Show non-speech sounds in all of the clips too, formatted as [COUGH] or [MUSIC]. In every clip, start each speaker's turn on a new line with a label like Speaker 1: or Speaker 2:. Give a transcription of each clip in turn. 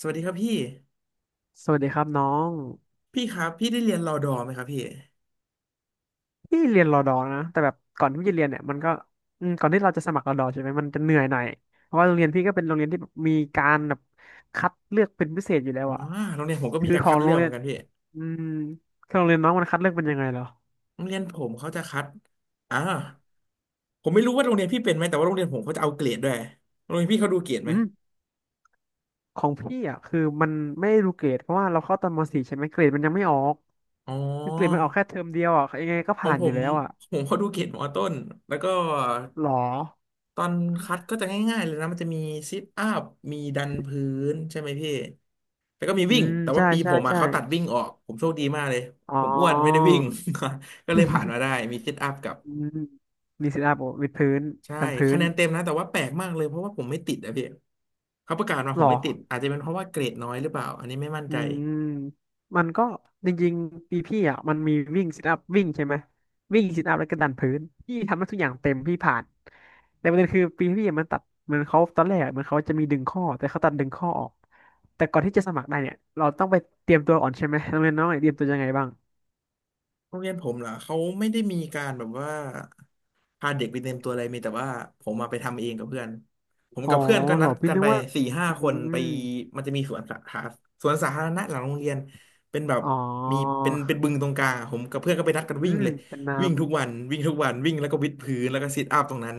Speaker 1: สวัสดีครับพี่
Speaker 2: สวัสดีครับน้อง
Speaker 1: พี่ครับพี่ได้เรียนรอดอไหมครับพี่
Speaker 2: พี่เรียนรอดอนะแต่แบบก่อนที่พี่จะเรียนเนี่ยมันก็อืมก่อนที่เราจะสมัครรอดอใช่ไหมมันจะเหนื่อยหน่อยเพราะว่าโรงเรียนพี่ก็เป็นโรงเรียนที่แบบมีการแบบคัดเลือกเป็นพิเศษอยู่แล้ว
Speaker 1: อ๋อ
Speaker 2: อะ
Speaker 1: โรงเรียนผมก็มี
Speaker 2: คือ
Speaker 1: การ
Speaker 2: ขอ
Speaker 1: คั
Speaker 2: ง
Speaker 1: ด
Speaker 2: โร
Speaker 1: เลือ
Speaker 2: ง
Speaker 1: กเห
Speaker 2: เรี
Speaker 1: มื
Speaker 2: ย
Speaker 1: อ
Speaker 2: น
Speaker 1: นกันพี่
Speaker 2: อืมคือโรงเรียนน้องมันคัดเลือกเป็นยังไงเหรอ
Speaker 1: โรงเรียนผมเขาจะคัดอ่าผมไม่รู้ว่าโรงเรียนพี่เป็นไหมแต่ว่าโรงเรียนผมเขาจะเอาเกรดด้วยโรงเรียนพี่เขาดูเกรดไห
Speaker 2: อื
Speaker 1: ม
Speaker 2: มของพี่อ่ะคือมันไม่ได้รู้เกรดเพราะว่าเราเข้าตอนม .4 ใช่ไหมเกรดมันยังไม่ออก
Speaker 1: อ๋อ
Speaker 2: คือเกรดมันออกแค่เทอมเดียวอ่ะยังไงก็
Speaker 1: ของ
Speaker 2: ผ่าน
Speaker 1: ผ
Speaker 2: อยู่
Speaker 1: ม
Speaker 2: แล้วอ่ะ
Speaker 1: เขาดูเกรดมอต้นแล้วก็
Speaker 2: หรอ
Speaker 1: ตอนคัดก็จะง่ายๆเลยนะมันจะมีซิทอัพมีดันพื้นใช่ไหมพี่แล้วก็มี
Speaker 2: อื
Speaker 1: วิ่ง
Speaker 2: ม
Speaker 1: แต่ว่า
Speaker 2: ใช่
Speaker 1: ปีผ
Speaker 2: ใช่
Speaker 1: มอ่ะ
Speaker 2: ใช่
Speaker 1: เขาตัดวิ่งออกผมโชคดีมากเลย
Speaker 2: อ๋อ
Speaker 1: ผมอ้วนไม่ได้วิ่ง [LAUGHS] ก็เลยผ่านมาได้มีซิทอัพกับ
Speaker 2: อืมมีซิทอัพวิดพื้น
Speaker 1: ใช่
Speaker 2: ดันพื้
Speaker 1: คะ
Speaker 2: น
Speaker 1: แนนเต็มนะแต่ว่าแปลกมากเลยเพราะว่าผมไม่ติดอะพี่เขาประกาศมา
Speaker 2: หร
Speaker 1: ผม
Speaker 2: อ
Speaker 1: ไม่ติดอาจจะเป็นเพราะว่าเกรดน้อยหรือเปล่าอันนี้ไม่มั่น
Speaker 2: อื
Speaker 1: ใจ
Speaker 2: มมันก็จริงๆปีพี่อ่ะมันมีวิ่งซิทอัพวิ่งใช่ไหมวิ่งซิทอัพแล้วก็ดันพื้นพี่ทำได้ทุกอย่างเต็มพี่ผ่านแต่ประเด็นคือปีพี่อะมันตัดเหมือนเขาตอนแรกอะเหมือนเขาจะมีดึงข้อแต่เขาตัดดึงข้อออกแต่ก่อนที่จะสมัครได้เนี่ยเราต้องไปเตรียมตัวก่อนใช่ไหมน้องเรียนน้องเตรียมตัวยังไงบ้าง
Speaker 1: โรงเรียนผมเหรอเขาไม่ได้มีการแบบว่าพาเด็กไปเต็มตัวอะไรมีแต่ว่าผมมาไปทำเองกับเพื่อนผม
Speaker 2: อ๋อ
Speaker 1: กับเพื่อนก็
Speaker 2: เหร
Speaker 1: นัด
Speaker 2: อพี่
Speaker 1: กัน
Speaker 2: นึก
Speaker 1: ไป
Speaker 2: ว่า
Speaker 1: สี่ห้า
Speaker 2: อื
Speaker 1: คน
Speaker 2: ม
Speaker 1: ไปมันจะมีสวนสาธารสวนสาธารณะหลังโรงเรียนเป็นแบบ
Speaker 2: อ๋อ
Speaker 1: มีเป็นบึงตรงกลางอะผมกับเพื่อนก็ไปนัดกัน
Speaker 2: อื
Speaker 1: วิ่ง
Speaker 2: ม
Speaker 1: เลย
Speaker 2: เป็น
Speaker 1: วิ่
Speaker 2: น้ำ
Speaker 1: งทุกวันวิ่งทุกวันวิ่งแล้วก็วิดพื้นแล้วก็ซิทอัพตรงนั้น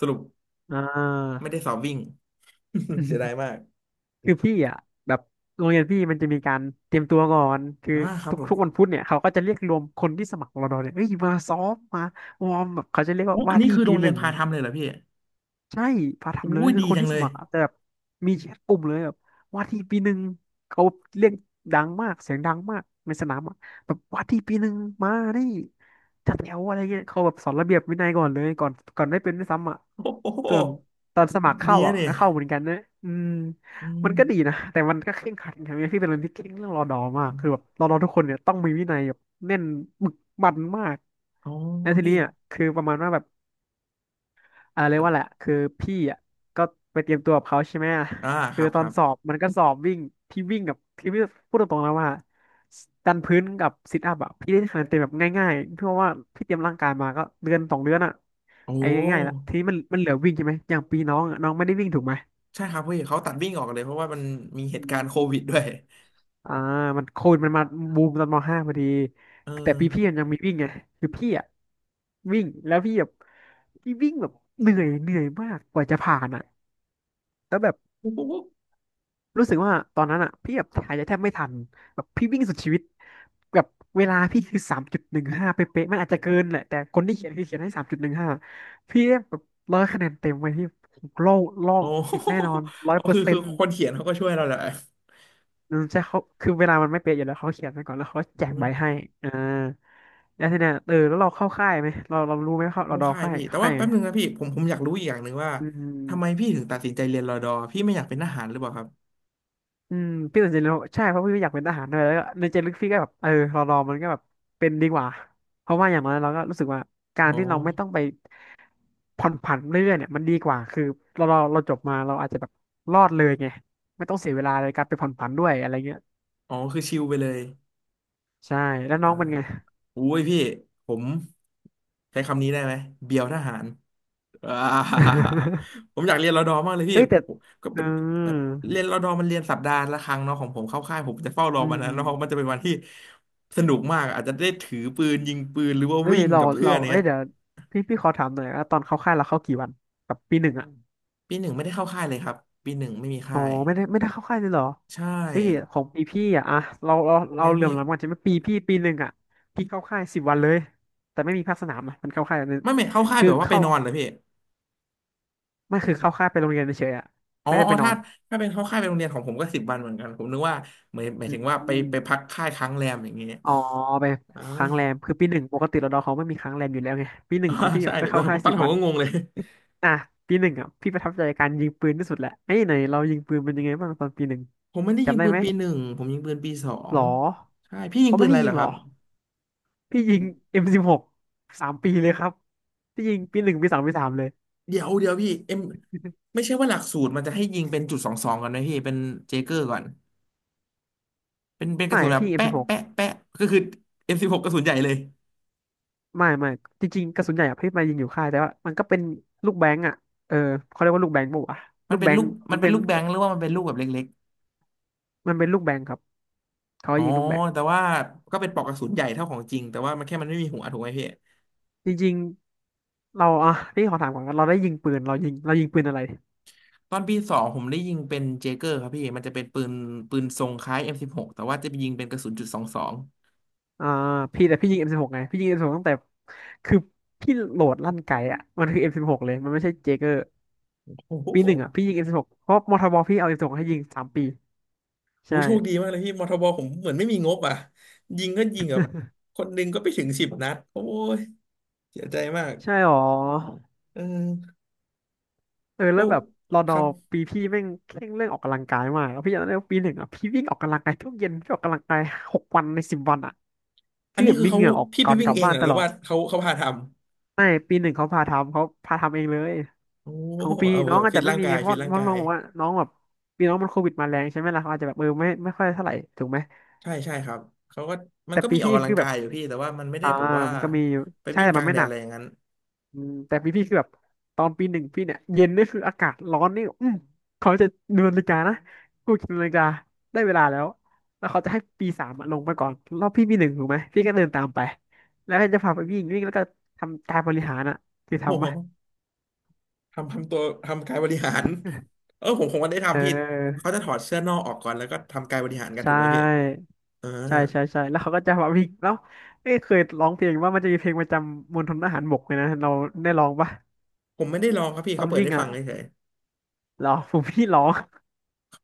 Speaker 1: สรุป
Speaker 2: อ่า
Speaker 1: ไม่ได้สอบวิ่ง [LAUGHS] เสียดายมาก
Speaker 2: คือพี่อ่ะแบบโรงเรียนพี่มันจะมีการเตรียมตัวก่อนคือ
Speaker 1: อ่าครับ
Speaker 2: ทุก
Speaker 1: ผม
Speaker 2: ทุกวันพุธเนี่ยเขาก็จะเรียกรวมคนที่สมัครรอดอเนี่ยเอ้ยมาซ้อมมาวอร์มแบบเขาจะเรียก
Speaker 1: โอ้
Speaker 2: ว่า
Speaker 1: อั
Speaker 2: ว่า
Speaker 1: นนี้
Speaker 2: ที่
Speaker 1: คือโร
Speaker 2: ปี
Speaker 1: ง
Speaker 2: ห
Speaker 1: เรียน
Speaker 2: นึ่ง
Speaker 1: พาทำเลยเหรอพี่
Speaker 2: ใช่พา
Speaker 1: อู้
Speaker 2: ทำเลย
Speaker 1: ย
Speaker 2: คือ
Speaker 1: ดี
Speaker 2: คน
Speaker 1: จัง
Speaker 2: ที่
Speaker 1: เล
Speaker 2: ส
Speaker 1: ย
Speaker 2: มัครอะแต่แบบมีแชทกลุ่มเลยแบบว่าที่ปีหนึ่งเขาเรียกดังมากเสียงดังมากในสนามอะแบบว่าที่ปีหนึ่งมานี่จัดแถวอะไรเงี้ยเขาแบบสอนระเบียบวินัยก่อนเลยก่อนได้เป็นด้วยซ้ำอ่ะ
Speaker 1: [LAUGHS] โอ้โห
Speaker 2: ส่วนตอนสมัคร
Speaker 1: ดี
Speaker 2: เข้า
Speaker 1: นะ
Speaker 2: อ่ะ
Speaker 1: เนี่ย
Speaker 2: ก็เข้าเหมือนกันนะอืม
Speaker 1: อื
Speaker 2: มั
Speaker 1: ม
Speaker 2: นก็ดีนะแต่มันก็เคร่งขัดอย่างเงี้ยพี่เป็นคนที่เคร่งเรื่องรอดอมาก
Speaker 1: อม
Speaker 2: คือแบบรอดอทุกคนเนี่ยต้องมีวินัยแบบแน่นบึกบั่นมาก
Speaker 1: อ๋อ
Speaker 2: แล้วที
Speaker 1: พี่
Speaker 2: นี้อ่ะคือประมาณว่าแบบ อ่าเรียกว่าแหละคือพี่อ่ะก็ไปเตรียมตัวกับเขาใช่ไหมอ่ะ
Speaker 1: อ่าค
Speaker 2: คือ
Speaker 1: รับ
Speaker 2: ต
Speaker 1: ค
Speaker 2: อน
Speaker 1: รับ
Speaker 2: สอบมันก็สอบวิ่งพี่วิ่งกับพี่พูดตรงๆแล้วว่าดันพื้นกับซิทอัพอ่ะพี่ได้คะแนนเต็มแบบง่ายๆเพราะว่าพี่เตรียมร่างกายมาก็เดือน 2 เดือนอ่ะ
Speaker 1: โอ้
Speaker 2: ไอ้ง่ายๆละทีนี้มันเหลือวิ่งใช่ไหมอย่างปีน้องอะน้องไม่ได้วิ่งถูกไหม
Speaker 1: ใช่ครับพี่เขาตัดวิ่งออกเลยเพราะว่ามันมีเห
Speaker 2: อื
Speaker 1: ตุการณ์โค
Speaker 2: ม
Speaker 1: วิดด้วย
Speaker 2: อ่ามันโควิดมันมาบูมตอนม.5พอดี
Speaker 1: เออ
Speaker 2: แต่ปีพี่มันยังมีวิ่งไงคือพี่อ่ะวิ่งแล้วพี่แบบพี่วิ่งแบบเหนื่อยเหนื่อยมากกว่าจะผ่านอะแล้วแบบ
Speaker 1: โอ้ [LAUGHS] โห
Speaker 2: รู้สึกว่าตอนนั้นอ่ะพี่แบบถ่ายใจแทบไม่ทันแบบพี่วิ่งสุดชีวิตแบบเวลาพี่คือสามจุดหนึ่งห้าเป๊ะๆมันอาจจะเกินแหละแต่คนที่เขียนคือเขียนให้สามจุดหนึ่งห้าพี่ได้แบบ100 คะแนนเต็มไว้ที่โลกโล
Speaker 1: โอ้
Speaker 2: ก
Speaker 1: โห
Speaker 2: ติดแน่นอนร้อย
Speaker 1: อ๋อ
Speaker 2: เปอ
Speaker 1: คือ
Speaker 2: ร์เซ็
Speaker 1: คือ
Speaker 2: นต์
Speaker 1: คนเขียนเขาก็ช่วยเราแหละ
Speaker 2: ใช่เขาคือเวลามันไม่เป๊ะอยู่แล้วเขาเขียนไปก่อนแล้วเขาแจ
Speaker 1: อื
Speaker 2: ก
Speaker 1: ม
Speaker 2: ใบให้อ่าแล้วทีเนี้ยเออแล้วเราเข้าค่ายไหมเรารู้ไหมเขา
Speaker 1: เข้า
Speaker 2: เราดอ
Speaker 1: ค่าย
Speaker 2: ค่าย
Speaker 1: พี่แต่
Speaker 2: เข้า
Speaker 1: ว่า
Speaker 2: ค่ายไห
Speaker 1: แป๊
Speaker 2: ม
Speaker 1: บนึงนะพี่ผมอยากรู้อีกอย่างหนึ่งว่า
Speaker 2: อื
Speaker 1: ทำไม
Speaker 2: ม
Speaker 1: พี่ถึงตัดสินใจเรียนรอดอพี่ไม่อยากเป็นทหารหรือเปล่าครับ
Speaker 2: อืมพี่สนใจเลยนใช่เพราะพี่อยากเป็นทหารด้วยแล้วก็ในใจลึกพี่ก็แบบเออรอมันก็แบบเป็นดีกว่าเพราะว่าอย่างน้อยเราก็รู้สึกว่าการ
Speaker 1: อ๋อ
Speaker 2: ที่เราไม่ต้องไปผ่อนผันเรื่อยๆเนี่ยมันดีกว่าคือเราจบมาเราอาจจะแบบรอดเลยไงไม่ต้องเสียเวลาในการไปผ่อนผันด้วยอะไรเงี้ย
Speaker 1: อ๋อคือชิลไปเลย
Speaker 2: ใช่แล้ว
Speaker 1: อ่า
Speaker 2: น้องเป็นไง
Speaker 1: อุ้ยพี่ผมใช้คำนี้ได้ไหมเบียวทหารอ่า
Speaker 2: [LAUGHS]
Speaker 1: [LAUGHS] ผมอยากเรียนรอดอมากเลยพี่
Speaker 2: เอ้ยแต่
Speaker 1: ผมก็
Speaker 2: เอ
Speaker 1: เป็นเอ่อ
Speaker 2: อ
Speaker 1: เรียนรอดอมันเรียนสัปดาห์ละครั้งเนาะของผมเข้าค่ายผมจะเฝ้ารอ
Speaker 2: อื
Speaker 1: วันนั้นเนาะพราะมันจะ
Speaker 2: ม
Speaker 1: เป็นวันที่สนุกมากอาจจะได้ถือปืนยิงปืนหรือว่า
Speaker 2: เอ้ย
Speaker 1: วิ่ง
Speaker 2: เรา
Speaker 1: กับเพื่อ
Speaker 2: เรา
Speaker 1: น
Speaker 2: เอ้
Speaker 1: เนี้
Speaker 2: ย
Speaker 1: ย
Speaker 2: เดี๋ยวพี่ขอถามหน่อยว่าตอนเข้าค่ายเราเข้ากี่วันแบบปีหนึ่งอะ
Speaker 1: ปีหนึ่งไม่ได้เข้าค่ายเลยครับปีหนึ่งไม่มี
Speaker 2: อ๋อ
Speaker 1: ค่าย
Speaker 2: ไม่ได้เข้าค่ายเลยเหรอ
Speaker 1: ใช่
Speaker 2: เฮ้ยของปีพี่อ่ะอะเราเรา
Speaker 1: ยัง
Speaker 2: เรา
Speaker 1: ไง
Speaker 2: เหลื่อ
Speaker 1: พี่
Speaker 2: มล้ำกันใช่ไหมปีพี่ปีหนึ่งอ่ะพี่เข้าค่ายสิบวันเลยแต่ไม่มีภาคสนามนะมันเข้าค่ายนึง
Speaker 1: ไม่ไม่เข้าค่าย
Speaker 2: คือ
Speaker 1: แบบว่าไป
Speaker 2: เข้า
Speaker 1: นอนเหรอพี่
Speaker 2: ไม่คือเข้าค่ายไปโรงเรียนเฉยๆอ่ะ
Speaker 1: อ๋อ
Speaker 2: ไม่ได้
Speaker 1: อ๋อ
Speaker 2: ไปนอ
Speaker 1: ถ้า
Speaker 2: น
Speaker 1: เป็นเข้าค่ายเป็นโรงเรียนของผมก็สิบวันเหมือนกันผมนึกว่าหมายหมาย
Speaker 2: อ
Speaker 1: ถึงว่าไป
Speaker 2: ื
Speaker 1: ไปพัก
Speaker 2: ม
Speaker 1: ค่ายค้างแรมอย่างเงี้ย
Speaker 2: อ๋อไป
Speaker 1: อ่า
Speaker 2: ค้างแรมคือปีหนึ่งปกติเราดอเขาไม่มีค้างแรมอยู่แล้วไงปีห
Speaker 1: [LAUGHS]
Speaker 2: นึ่ง
Speaker 1: อ่า
Speaker 2: ของพี่แบ
Speaker 1: ใช่
Speaker 2: บก็
Speaker 1: แล้
Speaker 2: เข้า
Speaker 1: ว
Speaker 2: ค่าย
Speaker 1: ตอน
Speaker 2: สิบ
Speaker 1: นั้นผ
Speaker 2: วั
Speaker 1: ม
Speaker 2: น
Speaker 1: ก็งงเลย
Speaker 2: อ่ะปีหนึ่งอ่ะพี่ประทับใจการยิงปืนที่สุดแหละไอ้ยไหนเรายิงปืนเป็นยังไงบ้างตอนปีหนึ่ง
Speaker 1: ผมไม่ได้ยิง
Speaker 2: จำได้
Speaker 1: ปืน
Speaker 2: ไหม
Speaker 1: ปีหนึ่งผมยิงปืนปีสอ
Speaker 2: ห
Speaker 1: ง
Speaker 2: รอ
Speaker 1: ใช่พี่ยิง
Speaker 2: เขา
Speaker 1: ปื
Speaker 2: ไม่
Speaker 1: นอะ
Speaker 2: ให้
Speaker 1: ไร
Speaker 2: ยิ
Speaker 1: เหร
Speaker 2: ง
Speaker 1: อค
Speaker 2: หร
Speaker 1: รั
Speaker 2: อ
Speaker 1: บ
Speaker 2: พี่ยิง M16 สบหกสามปีเลยครับ พี่ยิงปีหนึ่งปีสองปีสามเลย
Speaker 1: เดี๋ยวเดี๋ยวพี่เอ็มไม่ใช่ว่าหลักสูตรมันจะให้ยิงเป็นจุดสองสองก่อนนะพี่ เป็นเจเกอร์ก่อนเป็นกระ
Speaker 2: ไม่
Speaker 1: สุนแบบ
Speaker 2: พี่
Speaker 1: แปะ
Speaker 2: M16
Speaker 1: แปะแปะก็คือเอ็มสิบหกกระสุนใหญ่เลย
Speaker 2: ไม่จริงๆกระสุนใหญ่อะพี่มายิงอยู่ค่ายแต่ว่ามันก็เป็นลูกแบงก์อ่ะเออเขาเรียกว่าลูกแบงก์ปะวะ
Speaker 1: มั
Speaker 2: ลู
Speaker 1: น
Speaker 2: ก
Speaker 1: เป็น
Speaker 2: แบง
Speaker 1: ลู
Speaker 2: ก์
Speaker 1: กมั
Speaker 2: มั
Speaker 1: น
Speaker 2: น
Speaker 1: เป็
Speaker 2: เป็
Speaker 1: น
Speaker 2: น
Speaker 1: ลูกแบงค์หรือว่ามันเป็นลูกแบบเล็ก
Speaker 2: มันเป็นลูกแบงก์ครับเขาให้
Speaker 1: อ๋อ
Speaker 2: ยิงลูกแบงก์
Speaker 1: แต่ว่าก็เป็นปลอกกระสุนใหญ่เท่าของจริง แต่ว่ามันแค่มันไม่มีหัวถูกไหมพี่
Speaker 2: จริงๆเราอ่ะนี่ขอถามก่อนว่าเราได้ยิงปืนเรายิงปืนอะไร
Speaker 1: ตอนปีสองผมได้ยิงเป็นเจเกอร์ครับพี่ มันจะเป็นปืนทรงคล้าย M16 แต่ว่าจะไปยิงเป็นกระสุนจุดสองสอง
Speaker 2: อ่าพี่แต่พี่ยิง M16 ไงพี่ยิง M16 ตั้งแต่คือพี่โหลดลั่นไกอะมันคือ M16 เลยมันไม่ใช่เจเกอร์
Speaker 1: โอ้โห
Speaker 2: ปี
Speaker 1: โอ้
Speaker 2: หนึ่งอ่ะพี่ยิง M16 เพราะมทบพี่เอา M16 ให้ยิงสามปี
Speaker 1: โห
Speaker 2: ใช่
Speaker 1: โชคดีมากเลยพี่มทบผมเหมือนไม่มีงบอ่ะยิงก็ยิงแบบคนหนึ่งก็ไปถึงสิบนัด โอ้ยเสียใจมาก
Speaker 2: ใช่หรอ
Speaker 1: เออ
Speaker 2: เออ
Speaker 1: แล้
Speaker 2: แล้ว
Speaker 1: ว
Speaker 2: แบบรอ
Speaker 1: ค
Speaker 2: นอ
Speaker 1: รับ
Speaker 2: ปีพี่แม่งเคร่งเรื่องออกกำลังกายมากแล้วพี่จำได้ว่าปีหนึ่งอ่ะพี่วิ่งออกกำลังกายทุกเย็นพี่ออกกำลังกายหกวันในสิบวันอ่ะ
Speaker 1: อัน
Speaker 2: พี่
Speaker 1: นี้
Speaker 2: แบบ
Speaker 1: คือ
Speaker 2: มี
Speaker 1: เขา
Speaker 2: เหงื่อออก
Speaker 1: พี่ไป
Speaker 2: ก่อนก
Speaker 1: วิ่ง
Speaker 2: ลับ
Speaker 1: เอง
Speaker 2: บ้า
Speaker 1: เห
Speaker 2: น
Speaker 1: รอ
Speaker 2: ต
Speaker 1: หรือ
Speaker 2: ลอด
Speaker 1: ว่าเขาพาท
Speaker 2: ไม่ปีหนึ่งเขาพาทำเองเลย
Speaker 1: ำโอ้โห
Speaker 2: ของปี
Speaker 1: เอา
Speaker 2: น้
Speaker 1: เอ
Speaker 2: อ
Speaker 1: อ
Speaker 2: งอาจ
Speaker 1: ฟิต
Speaker 2: จะไม่
Speaker 1: ร่าง
Speaker 2: มี
Speaker 1: กา
Speaker 2: ไง
Speaker 1: ย
Speaker 2: เพราะ
Speaker 1: ฟิต
Speaker 2: ว่า
Speaker 1: ร่างกา
Speaker 2: น้อ
Speaker 1: ย
Speaker 2: งบอกว่าน้องแบบปีน้องมันโควิดมาแรงใช่ไหมล่ะเขาอาจจะแบบเออไม่ค่อยเท่าไหร่ถูกไหม
Speaker 1: ใช่ใช่ครับเขาก็มัน
Speaker 2: แต่
Speaker 1: ก็
Speaker 2: ปี
Speaker 1: มีออก
Speaker 2: พี่
Speaker 1: กำลั
Speaker 2: คื
Speaker 1: ง
Speaker 2: อแบ
Speaker 1: กา
Speaker 2: บ
Speaker 1: ยอยู่พี่แต่ว่ามันไม่ได้
Speaker 2: อ่า
Speaker 1: แบบว่า
Speaker 2: มันก็มีอยู่
Speaker 1: ไป
Speaker 2: ใช่
Speaker 1: วิ่ง
Speaker 2: แต่
Speaker 1: ก
Speaker 2: มั
Speaker 1: ลา
Speaker 2: น
Speaker 1: ง
Speaker 2: ไม่
Speaker 1: แด
Speaker 2: ห
Speaker 1: ด
Speaker 2: นั
Speaker 1: อะ
Speaker 2: ก
Speaker 1: ไรอย่างนั้น
Speaker 2: อืมแต่ปีพี่คือแบบตอนปีหนึ่งพี่เนี่ยเย็นนี่คืออากาศร้อนนี่อืมเขาจะดูนาฬิกานะกูคิดนาฬิกาได้เวลาแล้วแล้วเขาจะให้ปีสามอะลงไปก่อนรอบพี่ปีหนึ่งถูกไหมพี่ก็เดินตามไปแล้วก็จะพาไปวิ่งวิ่งแล้วก็ทำการบริหารอ่ะคือ
Speaker 1: [LAUGHS] โอ้
Speaker 2: ทำ
Speaker 1: โห
Speaker 2: ปะ
Speaker 1: ทำตัวทำกายบริหารเออผมคงไม่ได้
Speaker 2: เ
Speaker 1: ทำพี่เขา
Speaker 2: ออ
Speaker 1: จะถอดเสื้อนอกออกก่อนแล้วก็ทำกายบริหารกัน
Speaker 2: ใช่
Speaker 1: ถูกไหมพี่อ่า
Speaker 2: ใช่ใช่ใช่แล้วเขาก็จะมาวิ่งแล้วเอ้ยเคยร้องเพลงว่ามันจะมีเพลงประจำมณฑลทหารบกเลยนะเราได้ร้องปะ
Speaker 1: ผมไม่ได้ลองครับพี่
Speaker 2: ตอ
Speaker 1: เขา
Speaker 2: น
Speaker 1: เปิด
Speaker 2: วิ่ง
Speaker 1: ให้ฟั
Speaker 2: อ่ะ
Speaker 1: งเฉย
Speaker 2: ร้อ [LAUGHS] งผมพี่ร้อง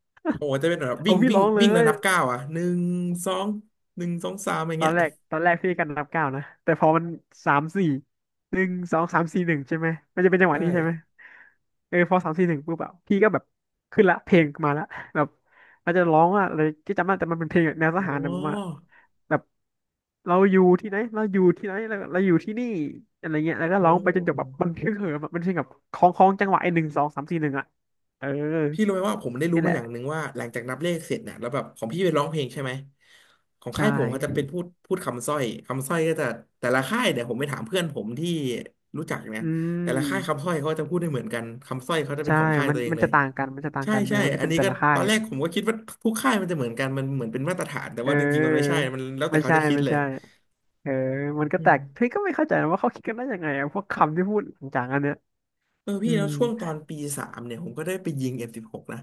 Speaker 1: ๆโอ้โหจะเป็นแบบวิ่
Speaker 2: เอา
Speaker 1: ง
Speaker 2: พี่
Speaker 1: วิ่ง
Speaker 2: ร้องเล
Speaker 1: วิ่งแล้ว
Speaker 2: ย
Speaker 1: นับก้าวอ่ะหนึ่งสองหนึ่งสองสามอย่าง
Speaker 2: ตอ
Speaker 1: เงี้
Speaker 2: น
Speaker 1: ย
Speaker 2: แรกตอนแรกพี่กันนับเก้าวนะแต่พอมันสามสี่หนึ่งสองสามสี่หนึ่งใช่ไหมมันจะเป็นจังหวะ
Speaker 1: ได้
Speaker 2: นี้ใช่ไหมเออพอสามสี่หนึ่งปุ๊บอะพี่ก็แบบขึ้นละเพลงมาละแบบอาจจะร้องว่าอะไรที่จำได้แต่มันเป็นเพลงแบบแนวท
Speaker 1: โอ้
Speaker 2: หารแบบว่าแบบเราอยู่ที่ไหนเราอยู่ที่ไหนเราอยู่ที่นี่อะไรเงี้ยแล้วก็ร้องไปจ
Speaker 1: โห
Speaker 2: นจบแบบมันเพลงเหิมอะมันเพลงแบบคล้องคล้องจังหวะไอ้หนึ่งสองสามสี่หนึ่งอะเออ
Speaker 1: พี่รู้ไหมว่าผมได้รู้
Speaker 2: นี่แห
Speaker 1: มาอ
Speaker 2: ละ
Speaker 1: ย่างหนึ่งว่าหลังจากนับเลขเสร็จเนี่ยแล้วแบบของพี่ไปร้องเพลงใช่ไหมของ
Speaker 2: ใช่
Speaker 1: ค่ายผมเขาจะเป็นพูดคำสร้อยก็จะแต่ละค่ายเนี่ยผมไปถามเพื่อนผมที่รู้จักเนี่ย
Speaker 2: อื
Speaker 1: แต่ละค่าย
Speaker 2: ม
Speaker 1: คำสร้อยเขาจะพูดได้เหมือนกันคำสร้อยเขาจะเป็น
Speaker 2: ใช่
Speaker 1: ของค่าย
Speaker 2: มัน
Speaker 1: ตัวเอง
Speaker 2: มัน
Speaker 1: เล
Speaker 2: จะ
Speaker 1: ย
Speaker 2: ต่างกัน มันจะต่าง
Speaker 1: ใช่
Speaker 2: กันเอ
Speaker 1: ใช่
Speaker 2: อมันจะ
Speaker 1: อัน
Speaker 2: เป็น
Speaker 1: นี้
Speaker 2: แต่
Speaker 1: ก็
Speaker 2: ละค่า
Speaker 1: ต
Speaker 2: ย
Speaker 1: อนแรกผมก็คิดว่าทุกค่ายมันจะเหมือนกันมันเหมือนเป็นมาตรฐานแต่
Speaker 2: เ
Speaker 1: ว่าจริงๆมันไม่ใช่
Speaker 2: ออ
Speaker 1: มันแล้วแต่
Speaker 2: ไม่
Speaker 1: เขา
Speaker 2: ใช่
Speaker 1: จะคิด
Speaker 2: ไม่
Speaker 1: เลย
Speaker 2: ใช่ เออ มันก็
Speaker 1: อื
Speaker 2: แต
Speaker 1: ม
Speaker 2: กพี่ก็ไม่เข้าใจนะว่าเขาคิดกันได้ยังไงอะพวกคำที่พูดหลังจากอันเนี้ย
Speaker 1: เออ
Speaker 2: อื
Speaker 1: พี่แล้
Speaker 2: ม
Speaker 1: วช่วงตอนปีสามเนี่ยผมก็ได้ไปยิงM16นะ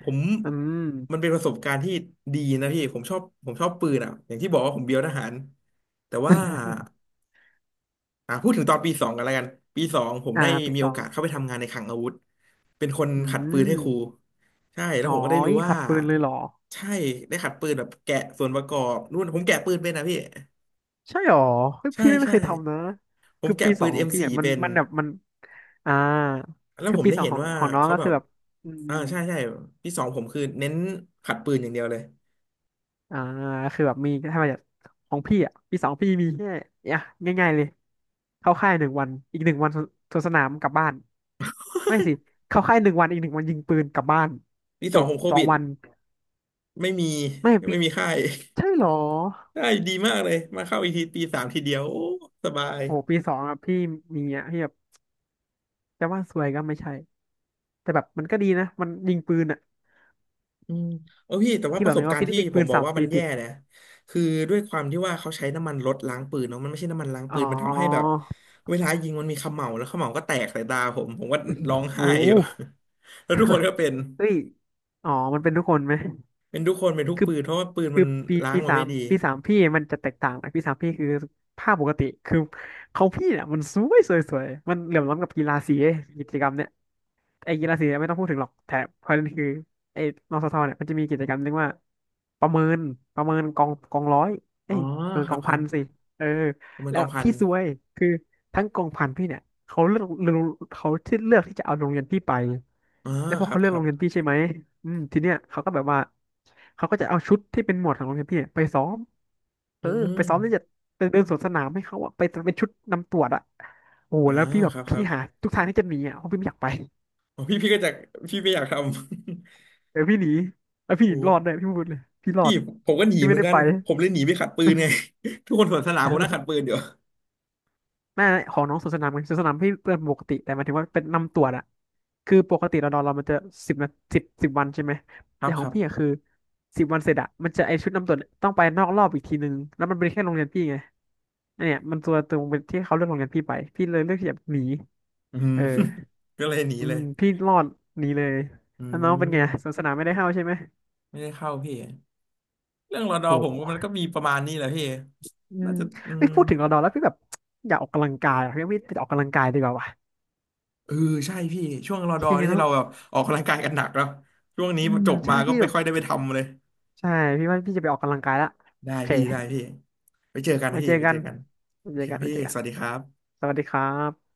Speaker 1: ผม
Speaker 2: อืม
Speaker 1: มันเป็นประสบการณ์ที่ดีนะพี่ผมชอบผมชอบปืนอ่ะอย่างที่บอกว่าผมเบียวทหารแต่ว่าพูดถึงตอนปีสองกันแล้วกันปีสองผม
Speaker 2: อ่า
Speaker 1: ได้
Speaker 2: ปี
Speaker 1: มี
Speaker 2: ส
Speaker 1: โอ
Speaker 2: อง
Speaker 1: กาสเข้าไปทำงานในคลังอาวุธเป็นคน
Speaker 2: อื
Speaker 1: ขัดปืน
Speaker 2: ม
Speaker 1: ให้ครูใช่แล้ว
Speaker 2: อ๋อ
Speaker 1: ผมก็ได้รู้
Speaker 2: ยิง
Speaker 1: ว่า
Speaker 2: ขัดปืนเลยเหรอ
Speaker 1: ใช่ได้ขัดปืนแบบแกะส่วนประกอบนู่นผมแกะปืนเป็นนะพี่
Speaker 2: ใช่เหรอเฮ้ย
Speaker 1: ใช่
Speaker 2: พี่ไม่
Speaker 1: ใช่
Speaker 2: เคยทำนะ
Speaker 1: ผม
Speaker 2: คือ
Speaker 1: แกะ
Speaker 2: ปีส
Speaker 1: ปื
Speaker 2: อง
Speaker 1: น
Speaker 2: ของพี่อ่ะ
Speaker 1: M4
Speaker 2: มัน
Speaker 1: เป็น
Speaker 2: มันแบบมันอ่า
Speaker 1: แล้ว
Speaker 2: คือ
Speaker 1: ผม
Speaker 2: ปี
Speaker 1: ได้
Speaker 2: สอง
Speaker 1: เห็น
Speaker 2: ของ
Speaker 1: ว่า
Speaker 2: ของน้อง
Speaker 1: เขา
Speaker 2: ก็
Speaker 1: แบ
Speaker 2: คือ
Speaker 1: บ
Speaker 2: แบบอืม
Speaker 1: ใช่ใช่ปีสองผมคือเน้นขัดปืนอย่างเดียวเลย
Speaker 2: อ่าคือแบบมีถ้ามาจากของพี่อ่ะปีสองพี่มีแค่อ่ะง่ายๆ เลย เข้าค่ายหนึ่งวันอีกหนึ่งวันสวนสนามกลับบ้านไม่สิเข้าค่ายหนึ่งวันอีกหนึ่งวันยิงปืนกลับบ้าน
Speaker 1: ปี
Speaker 2: จ
Speaker 1: สอง
Speaker 2: บ
Speaker 1: ผมโค
Speaker 2: สอง
Speaker 1: วิด
Speaker 2: วัน
Speaker 1: ไม่มี
Speaker 2: ไม่ปี
Speaker 1: ไม่มีค่าย
Speaker 2: ใช่เหรอ
Speaker 1: [LAUGHS] ได้ดีมากเลยมาเข้าอีกทีปีสามทีเดียวโอ้สบาย
Speaker 2: โอ้ปีสองอะพี่มีอะพี่แบบจะว่าสวยก็ไม่ใช่แต่แบบมันก็ดีนะมันยิงปืนอะ
Speaker 1: อืมเออพี่แต่ว่า
Speaker 2: พี่
Speaker 1: ป
Speaker 2: บอ
Speaker 1: ระ
Speaker 2: ก
Speaker 1: ส
Speaker 2: เล
Speaker 1: บ
Speaker 2: ย
Speaker 1: กา
Speaker 2: ว่า
Speaker 1: รณ์
Speaker 2: พี่ได้
Speaker 1: ที่
Speaker 2: ยิง
Speaker 1: ผ
Speaker 2: ปื
Speaker 1: ม
Speaker 2: น
Speaker 1: บอก
Speaker 2: สาม
Speaker 1: ว่ามั
Speaker 2: ปี
Speaker 1: นแย่
Speaker 2: ติด
Speaker 1: นะคือด้วยความที่ว่าเขาใช้น้ำมันรถล้างปืนเนาะมันไม่ใช่น้ำมันล้าง
Speaker 2: อ๋อ
Speaker 1: ปืนมันทำให้แบบเวลายิงมันมีเขม่าแล้วเขม่าก็แตกใส่ตาผมผมก็ร้องไห้
Speaker 2: โอ้
Speaker 1: อยู่ [LAUGHS] แล้วทุกคนก็เป็น
Speaker 2: เฮ้ยอ๋อมันเป็นทุกคนไหม
Speaker 1: เป็นทุกคนเป็นทุก
Speaker 2: คือ
Speaker 1: ปืนเพราะว่าปืน
Speaker 2: คื
Speaker 1: มั
Speaker 2: อ
Speaker 1: น
Speaker 2: ปี
Speaker 1: ล้าง
Speaker 2: ปี
Speaker 1: มา
Speaker 2: สา
Speaker 1: ไม่
Speaker 2: ม
Speaker 1: ดี
Speaker 2: ปีสามพี่มันจะแตกต่างนะปีสามพี่คือภาพปกติคือเขาพี่เนี่ยมันสวยสวยสวยมันเหลื่อมล้ำกับกีฬาสีกิจกรรมเนี่ย ไอ้กีฬาสีเนี่ยไม่ต้องพูดถึงหรอกแต่ประเด็นคือไอ้นสทเนี่ยมันจะมีกิจกรรมเรียกว่าประเมินประเมินกองร้อย
Speaker 1: อ๋
Speaker 2: เอ้
Speaker 1: อ
Speaker 2: ยประเมิน
Speaker 1: ค
Speaker 2: ก
Speaker 1: รับ
Speaker 2: อง
Speaker 1: ค
Speaker 2: พั
Speaker 1: รับ
Speaker 2: นสิเออ
Speaker 1: ประเมิน
Speaker 2: แล้
Speaker 1: ก
Speaker 2: ว
Speaker 1: องพัน
Speaker 2: พี่ซวยคือทั้งกองพันพี่เนี่ยเขาเลือกเขาที่เลือกที่จะเอาโรงเรียนพี่ไป
Speaker 1: อ๋อ
Speaker 2: แล้วพอ
Speaker 1: ครับ
Speaker 2: เขาเลือ
Speaker 1: ค
Speaker 2: ก
Speaker 1: รั
Speaker 2: โร
Speaker 1: บ
Speaker 2: งเรียนพี่ใช่ไหมอืมทีเนี้ยเขาก็แบบว่าเขาก็จะเอาชุดที่เป็นหมวดของโรงเรียนพี่ไปซ้อมเอ
Speaker 1: อื
Speaker 2: อไป
Speaker 1: ม
Speaker 2: ซ้อมที่จะเป็นเดินสวนสนามให้เขาอะไปเป็นชุดนำตรวจอะโอ้โห
Speaker 1: อ่า
Speaker 2: แล้วพี่แบบ
Speaker 1: ครับค
Speaker 2: พี่
Speaker 1: รับ
Speaker 2: หาทุกทางที่จะหนีอะเพราะพี่ไม่อยากไป
Speaker 1: อ๋อพี่ก็จะพี่ไม่อยากทำ
Speaker 2: เดี๋ยวพี่หนีแล้ว
Speaker 1: [LAUGHS]
Speaker 2: พี่
Speaker 1: โอ้
Speaker 2: รอดเลยพี่พูดเลยพี่รอ
Speaker 1: พี่
Speaker 2: ด
Speaker 1: ผมก็หนี
Speaker 2: พี่
Speaker 1: เห
Speaker 2: ไม่
Speaker 1: มือน
Speaker 2: ได้
Speaker 1: กัน
Speaker 2: ไป
Speaker 1: ผมเลยหนีไปขัดปืนไง [LAUGHS] ทุกคนสวนสนามผมนั่งขัดปื
Speaker 2: [LAUGHS]
Speaker 1: นอยู่
Speaker 2: น่าของน้องสวนสนามไงสวนสนามพี่เป็นปกติแต่หมายถึงว่าเป็นนำตรวจอะคือปกติเรานอนเรามันจะสิบนาสิบวันใช่ไหม
Speaker 1: ครั
Speaker 2: แต่
Speaker 1: บ
Speaker 2: ข
Speaker 1: ค
Speaker 2: อง
Speaker 1: รั
Speaker 2: พี่อะ
Speaker 1: บ
Speaker 2: คือสิบวันเสร็จอะมันจะไอชุดนำตรวจต้องไปนอกรอบอีกทีนึงแล้วมันเป็นแค่โรงเรียนพี่ไงอันเนี่ยมันตัวตรงเป็นที่เขาเลือกโรงเรียนพี่ไปพี่เลยเลือกที่จะหนี
Speaker 1: อืม
Speaker 2: เออ
Speaker 1: [LAUGHS] ก็เลยหนี
Speaker 2: อื
Speaker 1: เล
Speaker 2: ม
Speaker 1: ย
Speaker 2: พี่รอดหนีเลย
Speaker 1: อื
Speaker 2: แล้วน้องเป็นไงสวน
Speaker 1: ม
Speaker 2: สนามไม่ได้เข้าใช่ไหม
Speaker 1: ไม่ได้เข้าพี่เรื่องรอดอ
Speaker 2: โอ้
Speaker 1: ผมว่ามันก็มีประมาณนี้แหละพี่
Speaker 2: อื
Speaker 1: น่า
Speaker 2: ม
Speaker 1: จะอื
Speaker 2: ไม่
Speaker 1: ม
Speaker 2: พูดถึงรอดอแล้วพี่แบบอยากออกกำลังกายอะพี่ไปออกกำลังกายดีกว่าวะ
Speaker 1: เออใช่พี่ช่วงรอ
Speaker 2: โอ
Speaker 1: ดอ
Speaker 2: เค
Speaker 1: นี่
Speaker 2: เนาะ
Speaker 1: เราแบบออกกำลังกายกันหนักแล้วช่วงนี้
Speaker 2: อื
Speaker 1: จ
Speaker 2: ม
Speaker 1: บ
Speaker 2: ใช่
Speaker 1: มาก็
Speaker 2: พี่
Speaker 1: ไม่
Speaker 2: แบบ
Speaker 1: ค่อยได้ไปทำเลย
Speaker 2: ใช่พี่ว่าพี่จะไปออกกำลังกายละ
Speaker 1: ได้
Speaker 2: โอเค
Speaker 1: พี่ได้พี่ไปเจอกันนะ
Speaker 2: ไว้
Speaker 1: พี่
Speaker 2: เจอ
Speaker 1: ไป
Speaker 2: กั
Speaker 1: เจ
Speaker 2: น
Speaker 1: อกัน
Speaker 2: ไว้
Speaker 1: โอ
Speaker 2: เจ
Speaker 1: เค
Speaker 2: อ
Speaker 1: ค
Speaker 2: กั
Speaker 1: รั
Speaker 2: น
Speaker 1: บ
Speaker 2: ไว้
Speaker 1: พี่
Speaker 2: เจอกั
Speaker 1: ส
Speaker 2: น
Speaker 1: วัสดีครับ
Speaker 2: สวัสดีครับ